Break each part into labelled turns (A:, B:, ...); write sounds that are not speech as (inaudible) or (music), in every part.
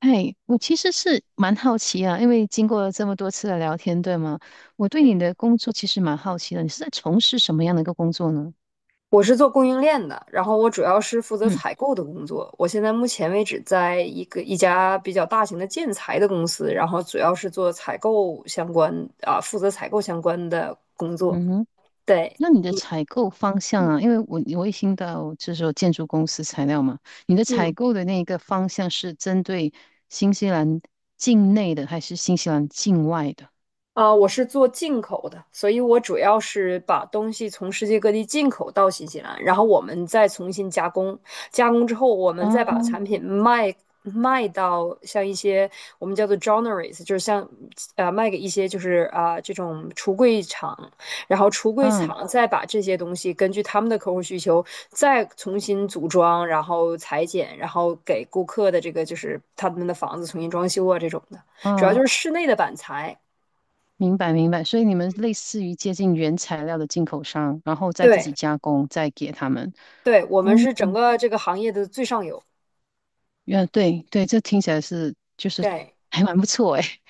A: 哎，我其实是蛮好奇啊，因为经过了这么多次的聊天，对吗？我对你
B: 嗯，
A: 的工作其实蛮好奇的，你是在从事什么样的一个工作呢？
B: 我是做供应链的，然后我主要是负责
A: 嗯。
B: 采购的工作。我现在目前为止在一家比较大型的建材的公司，然后主要是做采购相关啊，负责采购相关的工作。
A: 嗯哼。
B: 对，
A: 那你的采购方向
B: 嗯，
A: 啊，因为我也听到就是说建筑公司材料嘛，你的采
B: 嗯。
A: 购的那个方向是针对新西兰境内的还是新西兰境外的？
B: 啊，我是做进口的，所以我主要是把东西从世界各地进口到新西兰，然后我们再重新加工，加工之后我们再把
A: 哦。
B: 产品卖到像一些我们叫做 joineries，就是像卖给一些就是啊、这种橱柜厂，然后橱柜
A: 嗯
B: 厂再把这些东西根据他们的客户需求再重新组装，然后裁剪，然后给顾客的这个就是他们的房子重新装修啊这种的，主要就
A: 嗯。
B: 是室内的板材，
A: 明白明白，所以你们类似于接近原材料的进口商，然后再自
B: 对。
A: 己加工，再给他们。
B: 对，我们是
A: 嗯，
B: 整个这个行业的最上游。
A: 对对，这听起来就是
B: 对，
A: 还蛮不错诶。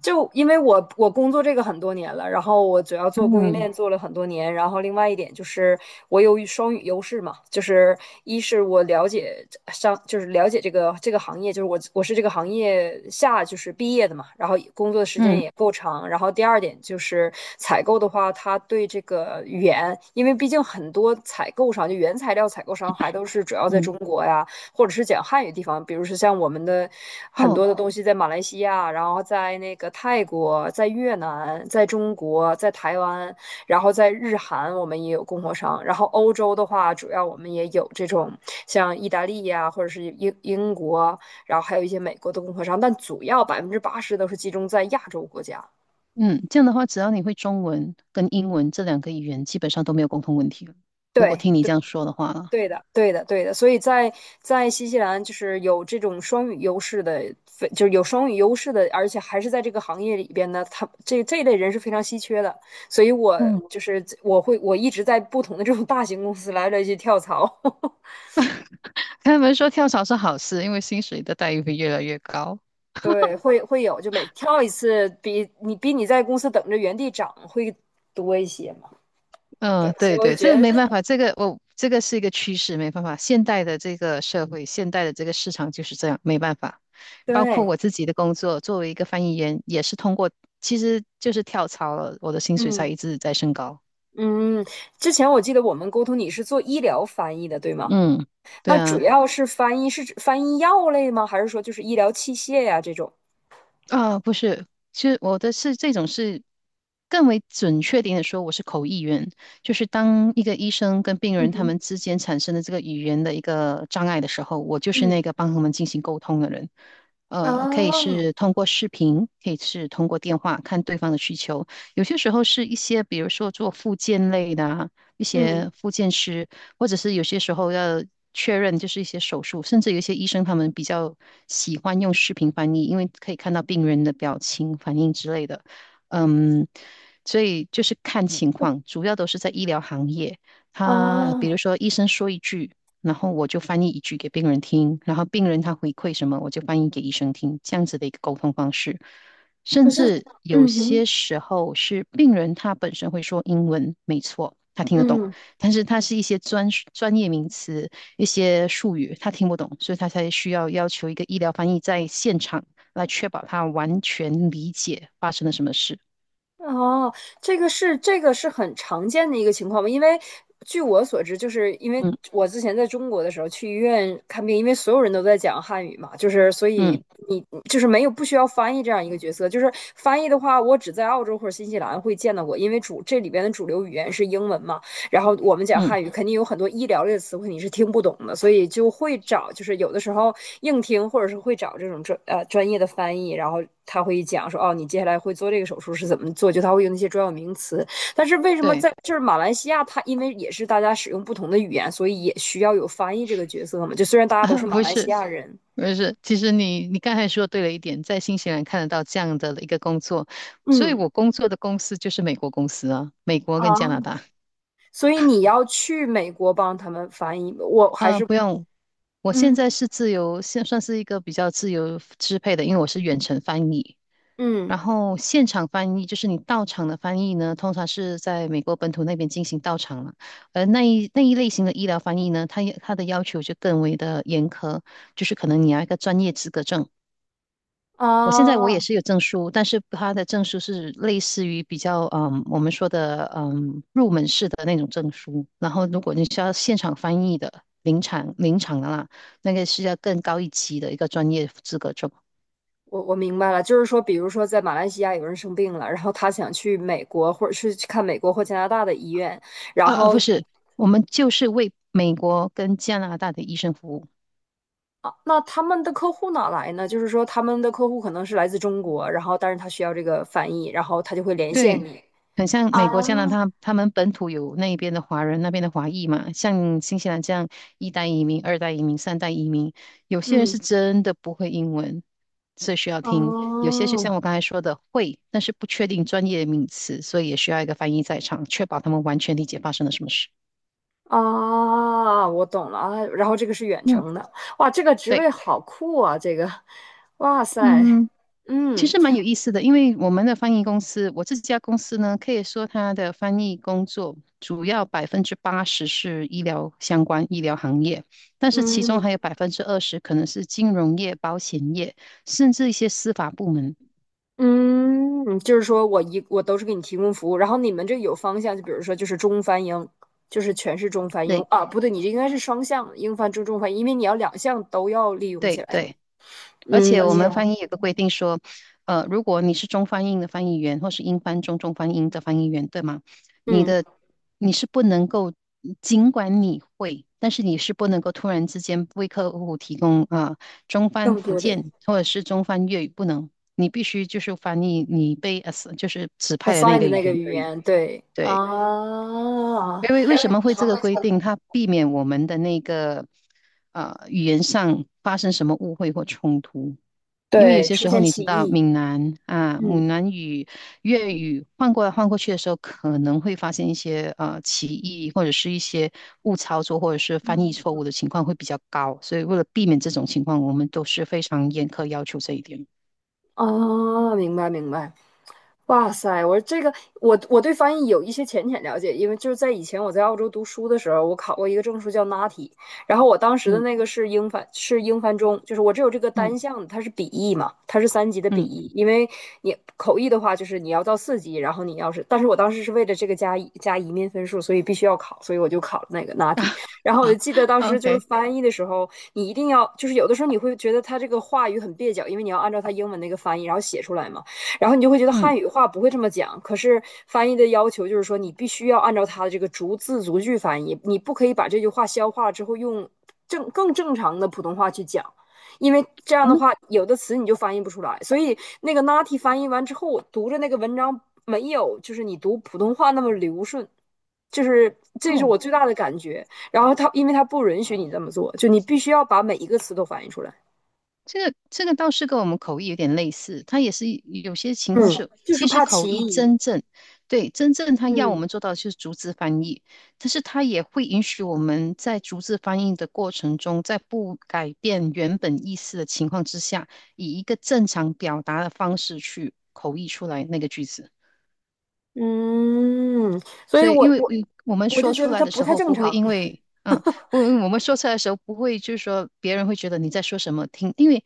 B: 就因为我工作这个很多年了，然后我主要做供应
A: 嗯
B: 链做了很多年，然后另外一点就是我有双语优势嘛，就是一是我了解上就是了解这个行业，就是我是这个行业下就是毕业的嘛，然后工作的时间
A: 嗯
B: 也够长，然后第二点就是采购的话，他对这个语言，因为毕竟很多采购商就原材料采购商还都是主要在
A: 嗯。
B: 中国呀，或者是讲汉语地方，比如说像我们的很
A: 哦。
B: 多的东西在马来西亚，然后在那个泰国、在越南、在中国、在台湾，然后在日韩，我们也有供货商。然后欧洲的话，主要我们也有这种像意大利呀、或者是英国，然后还有一些美国的供货商，但主要80%都是集中在亚洲国家。
A: 嗯，这样的话，只要你会中文跟英文这两个语言，基本上都没有沟通问题了。如果
B: 对，
A: 听你这样说的话，
B: 对的，对的，对的。所以在新西兰，就是有这种双语优势的，非就是有双语优势的，而且还是在这个行业里边呢，他这一类人是非常稀缺的。所以我
A: 嗯。
B: 就是我会我一直在不同的这种大型公司来来去跳槽，(laughs)
A: (laughs) 他们说跳槽是好事，因为薪水的待遇会越来越高。
B: 对，会有，就每跳一次比你在公司等着原地涨会多一些嘛。对，
A: 嗯，
B: 所以
A: 对
B: 我
A: 对，
B: 觉
A: 这
B: 得
A: 没办法，这个我、这个是一个趋势，没办法。现代的这个社会，现代的这个市场就是这样，没办法。
B: (laughs)
A: 包括
B: 对，
A: 我自己的工作，作为一个翻译员，也是通过，其实就是跳槽了，我的薪水才
B: 嗯
A: 一直在升高。
B: 嗯。之前我记得我们沟通你是做医疗翻译的，对吗？
A: 嗯，对
B: 那主
A: 啊。
B: 要是翻译，是指翻译药类吗？还是说就是医疗器械呀、这种？
A: 啊，不是，其实我的是这种是更为准确点的说，我是口译员，就是当一个医生跟病
B: 嗯
A: 人他
B: 哼，
A: 们之间产生的这个语言的一个障碍的时候，我就是那
B: 嗯，
A: 个帮他们进行沟通的人。可以
B: 哦，
A: 是通过视频，可以是通过电话，看对方的需求。有些时候是一些，比如说做复健类的啊，一些
B: 嗯，
A: 复健师，或者是有些时候要确认，就是一些手术，甚至有一些医生他们比较喜欢用视频翻译，因为可以看到病人的表情、反应之类的。嗯，所以就是看情况，主要都是在医疗行业。他比如
B: 哦，
A: 说医生说一句，然后我就翻译一句给病人听，然后病人他回馈什么，我就翻译给医生听，这样子的一个沟通方式。甚
B: 可是，
A: 至有
B: 嗯哼，
A: 些时候是病人他本身会说英文，没错，他听得懂，
B: 嗯，
A: 但是它是一些专业名词、一些术语，他听不懂，所以他才需要要求一个医疗翻译在现场来确保他完全理解发生了什么事。
B: 哦，这个是很常见的一个情况吧？因为据我所知，就是因为
A: 嗯
B: 我之前在中国的时候去医院看病，因为所有人都在讲汉语嘛，就是所
A: 嗯
B: 以你就是没有不需要翻译这样一个角色。就是翻译的话，我只在澳洲或者新西兰会见到过，因为这里边的主流语言是英文嘛。然后我们讲
A: 嗯，
B: 汉语，肯定有很多医疗类的词汇你是听不懂的，所以就会找，就是有的时候硬听，或者是会找这种专业的翻译，然后他会讲说，哦，你接下来会做这个手术是怎么做，就他会用那些专有名词。但是为什么
A: 对，
B: 在就是马来西亚，他因为也是大家使用不同的语言，所以也需要有翻译这个角色嘛？就虽然大家都是
A: (laughs)
B: 马
A: 不
B: 来西
A: 是
B: 亚人，
A: 不是，其实你刚才说对了一点，在新西兰看得到这样的一个工作，所以
B: 嗯，
A: 我工作的公司就是美国公司啊，美国跟加拿
B: 啊，
A: 大。
B: 所以你要去美国帮他们翻译，我还
A: 啊，
B: 是
A: 不用。我现
B: 嗯
A: 在是自由，现算是一个比较自由支配的，因为我是远程翻译，然
B: 嗯
A: 后现场翻译就是你到场的翻译呢，通常是在美国本土那边进行到场了。而那一类型的医疗翻译呢，它的要求就更为的严苛，就是可能你要一个专业资格证。我现在我也
B: 啊。
A: 是有证书，但是它的证书是类似于比较我们说的入门式的那种证书。然后如果你是要现场翻译的临场的啦，那个是要更高一级的一个专业资格证。
B: 我明白了，就是说，比如说在马来西亚有人生病了，然后他想去美国，或者是去看美国或加拿大的医院，然
A: 啊啊，不
B: 后
A: 是，我们就是为美国跟加拿大的医生服务。
B: 啊，那他们的客户哪来呢？就是说他们的客户可能是来自中国，然后但是他需要这个翻译，然后他就会连线
A: 对，
B: 你
A: 很像
B: 啊，
A: 美国、加拿大，他们本土有那边的华人，那边的华裔嘛，像新西兰这样一代移民、二代移民、三代移民，有些人是
B: 嗯，
A: 真的不会英文，所以需要听；有些是像
B: 哦。
A: 我刚才说的会，但是不确定专业名词，所以也需要一个翻译在场，确保他们完全理解发生了什么事。
B: 啊，我懂了啊，然后这个是远
A: 嗯，
B: 程的，哇，这个职
A: 对，
B: 位好酷啊，这个，哇塞，
A: 嗯。其
B: 嗯
A: 实蛮有意思的，因为我们的翻译公司，我这家公司呢，可以说它的翻译工作主要80%是医疗相关、医疗行业，但是其中
B: 嗯。
A: 还有20%可能是金融业、保险业，甚至一些司法部门。
B: 嗯，就是说我都是给你提供服务，然后你们这有方向，就比如说就是中翻英，就是全是中翻英
A: 对
B: 啊，不对，你这应该是双向英翻中中翻英，因为你要两项都要利用起
A: 对
B: 来嘛。
A: 对，而且
B: 而
A: 我
B: 且
A: 们翻译有个规定说，如果你是中翻英的翻译员，或是英翻中、中翻英的翻译员，对吗？你
B: 嗯，
A: 的你是不能够，尽管你会，但是你是不能够突然之间为客户提供啊、中翻
B: 更
A: 福
B: 多的
A: 建或者是中翻粤语，不能，你必须就是翻译你被 就是指派的那
B: assign
A: 个
B: 的
A: 语
B: 那个
A: 言
B: 语
A: 而已。
B: 言，对
A: 对，
B: 啊，
A: 因为为
B: 人
A: 什么
B: 为
A: 会
B: 什
A: 这
B: 么
A: 个
B: 会
A: 规
B: 做
A: 定？它避免我们的那个语言上发生什么误会或冲突。因为有
B: 对，
A: 些
B: 出
A: 时候
B: 现
A: 你
B: 歧
A: 知道，
B: 义，
A: 闽南啊、
B: 嗯
A: 闽南语、粤语换过来换过去的时候，可能会发现一些歧义，或者是一些误操作，或者是翻译错
B: 嗯。
A: 误的情况会比较高。所以为了避免这种情况，我们都是非常严苛要求这一点。
B: 啊，明白明白。哇塞！我说这个，我对翻译有一些浅浅了解，因为就是在以前我在澳洲读书的时候，我考过一个证书叫 NATI，然后我当时的
A: 嗯
B: 那个是英翻，是英翻中，就是我只有这个
A: 嗯
B: 单项的，它是笔译嘛，它是三级的笔
A: 嗯
B: 译，因为你口译的话就是你要到四级，然后你要是，但是我当时是为了这个加一加移民分数，所以必须要考，所以我就考了那个 NATI，
A: (laughs)
B: 然后我就
A: 啊
B: 记得当时就是
A: ，OK，
B: 翻译的时候，你一定要就是有的时候你会觉得它这个话语很蹩脚，因为你要按照它英文那个翻译然后写出来嘛。然后你就会觉得
A: 嗯，
B: 汉语话不会这么讲，可是翻译的要求就是说，你必须要按照它的这个逐字逐句翻译，你不可以把这句话消化了之后用正常的普通话去讲，因为这样
A: 我
B: 的
A: 们
B: 话有的词你就翻译不出来。所以那个 Nati 翻译完之后，我读着那个文章没有就是你读普通话那么流顺，就是这是
A: 哦。
B: 我最大的感觉。然后他因为他不允许你这么做，就你必须要把每一个词都翻译出来，
A: 这个倒是跟我们口译有点类似，它也是有些情况
B: 嗯，
A: 是，
B: 就是
A: 其实
B: 怕
A: 口
B: 歧
A: 译
B: 义，
A: 真正。对，它要我
B: 嗯。
A: 们做到的就是逐字翻译，但是它也会允许我们在逐字翻译的过程中，在不改变原本意思的情况之下，以一个正常表达的方式去口译出来那个句子。
B: 嗯，所
A: 所
B: 以
A: 以，因
B: 我
A: 为
B: 我
A: 我们
B: 我就
A: 说
B: 觉
A: 出
B: 得
A: 来
B: 它
A: 的
B: 不
A: 时
B: 太
A: 候，
B: 正
A: 不会
B: 常。
A: 因为，不，我们说出来的时候，不会就是说别人会觉得你在说什么听，因为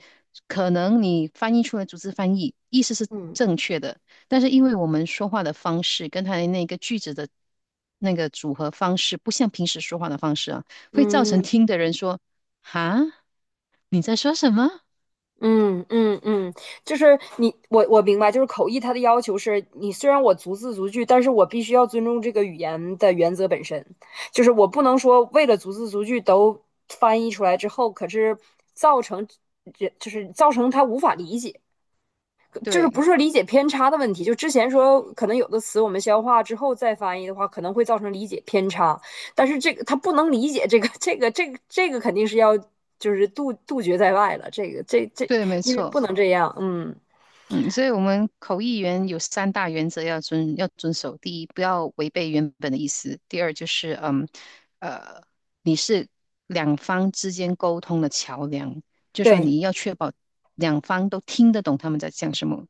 A: 可能你翻译出来逐字翻译，意思是
B: 嗯
A: 正确的，但是因为我们说话的方式跟他的那个句子的那个组合方式，不像平时说话的方式啊，会造成
B: 嗯
A: 听的人说哈，你在说什么？
B: 嗯嗯嗯，就是你我明白，就是口译它的要求是你虽然我逐字逐句，但是我必须要尊重这个语言的原则本身，就是我不能说为了逐字逐句都翻译出来之后，可是造成这就是造成他无法理解。就是不
A: 对
B: 是说理解偏差的问题，就之前说可能有的词我们消化之后再翻译的话，可能会造成理解偏差，但是这个他不能理解这个肯定是要就是杜绝在外了，这个这这
A: 对，没
B: 因为
A: 错。
B: 不能这样，嗯，
A: 嗯，所以我们口译员有三大原则要遵守。第一，不要违背原本的意思；第二，就是呃，你是两方之间沟通的桥梁，就说
B: 对
A: 你要确保两方都听得懂他们在讲什么，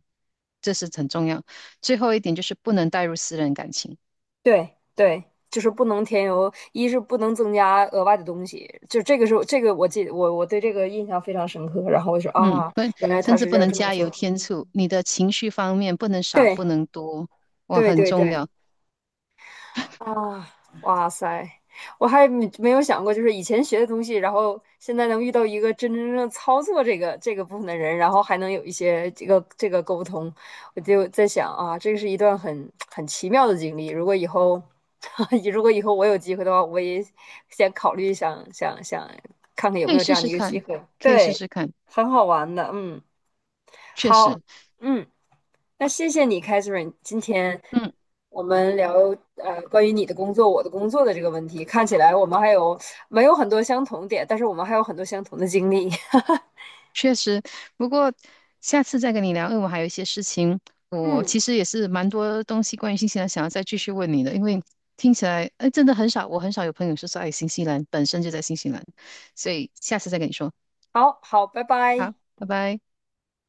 A: 这是很重要。最后一点就是不能带入私人感情，
B: 对对，就是不能添油，一是不能增加额外的东西，就这个是这个我记得我对这个印象非常深刻，然后我就说
A: 嗯，
B: 啊，
A: 不，
B: 原来他
A: 甚至
B: 是
A: 不
B: 要
A: 能
B: 这么
A: 加
B: 做，
A: 油添醋。你的情绪方面不能少，
B: 对
A: 不能多，哇，
B: 对
A: 很
B: 对
A: 重
B: 对
A: 要。
B: 啊，哇塞，我还没有想过，就是以前学的东西，然后现在能遇到一个真真正正操作这个部分的人，然后还能有一些这个沟通，我就在想啊，这个是一段很奇妙的经历。如果以后，(laughs) 如果以后我有机会的话，我也先考虑想想看看有
A: 可
B: 没
A: 以
B: 有这
A: 试
B: 样的
A: 试
B: 一个机
A: 看，
B: 会。
A: 可以试
B: 对，
A: 试看，
B: 很好玩的，嗯，
A: 确
B: 好，
A: 实。
B: 嗯。那谢谢你，Catherine。今天
A: 嗯。
B: 我们聊关于你的工作、我的工作的这个问题，看起来我们还有没有很多相同点，但是我们还有很多相同的经历。(laughs)
A: 确实，不过下次再跟你聊，因为我还有一些事情，我
B: 嗯，
A: 其实也是蛮多东西关于新西兰想要再继续问你的，因为听起来，哎，真的很少，我很少有朋友是在新西兰，本身就在新西兰，所以下次再跟你说。
B: 好好，拜拜。
A: 好，拜拜。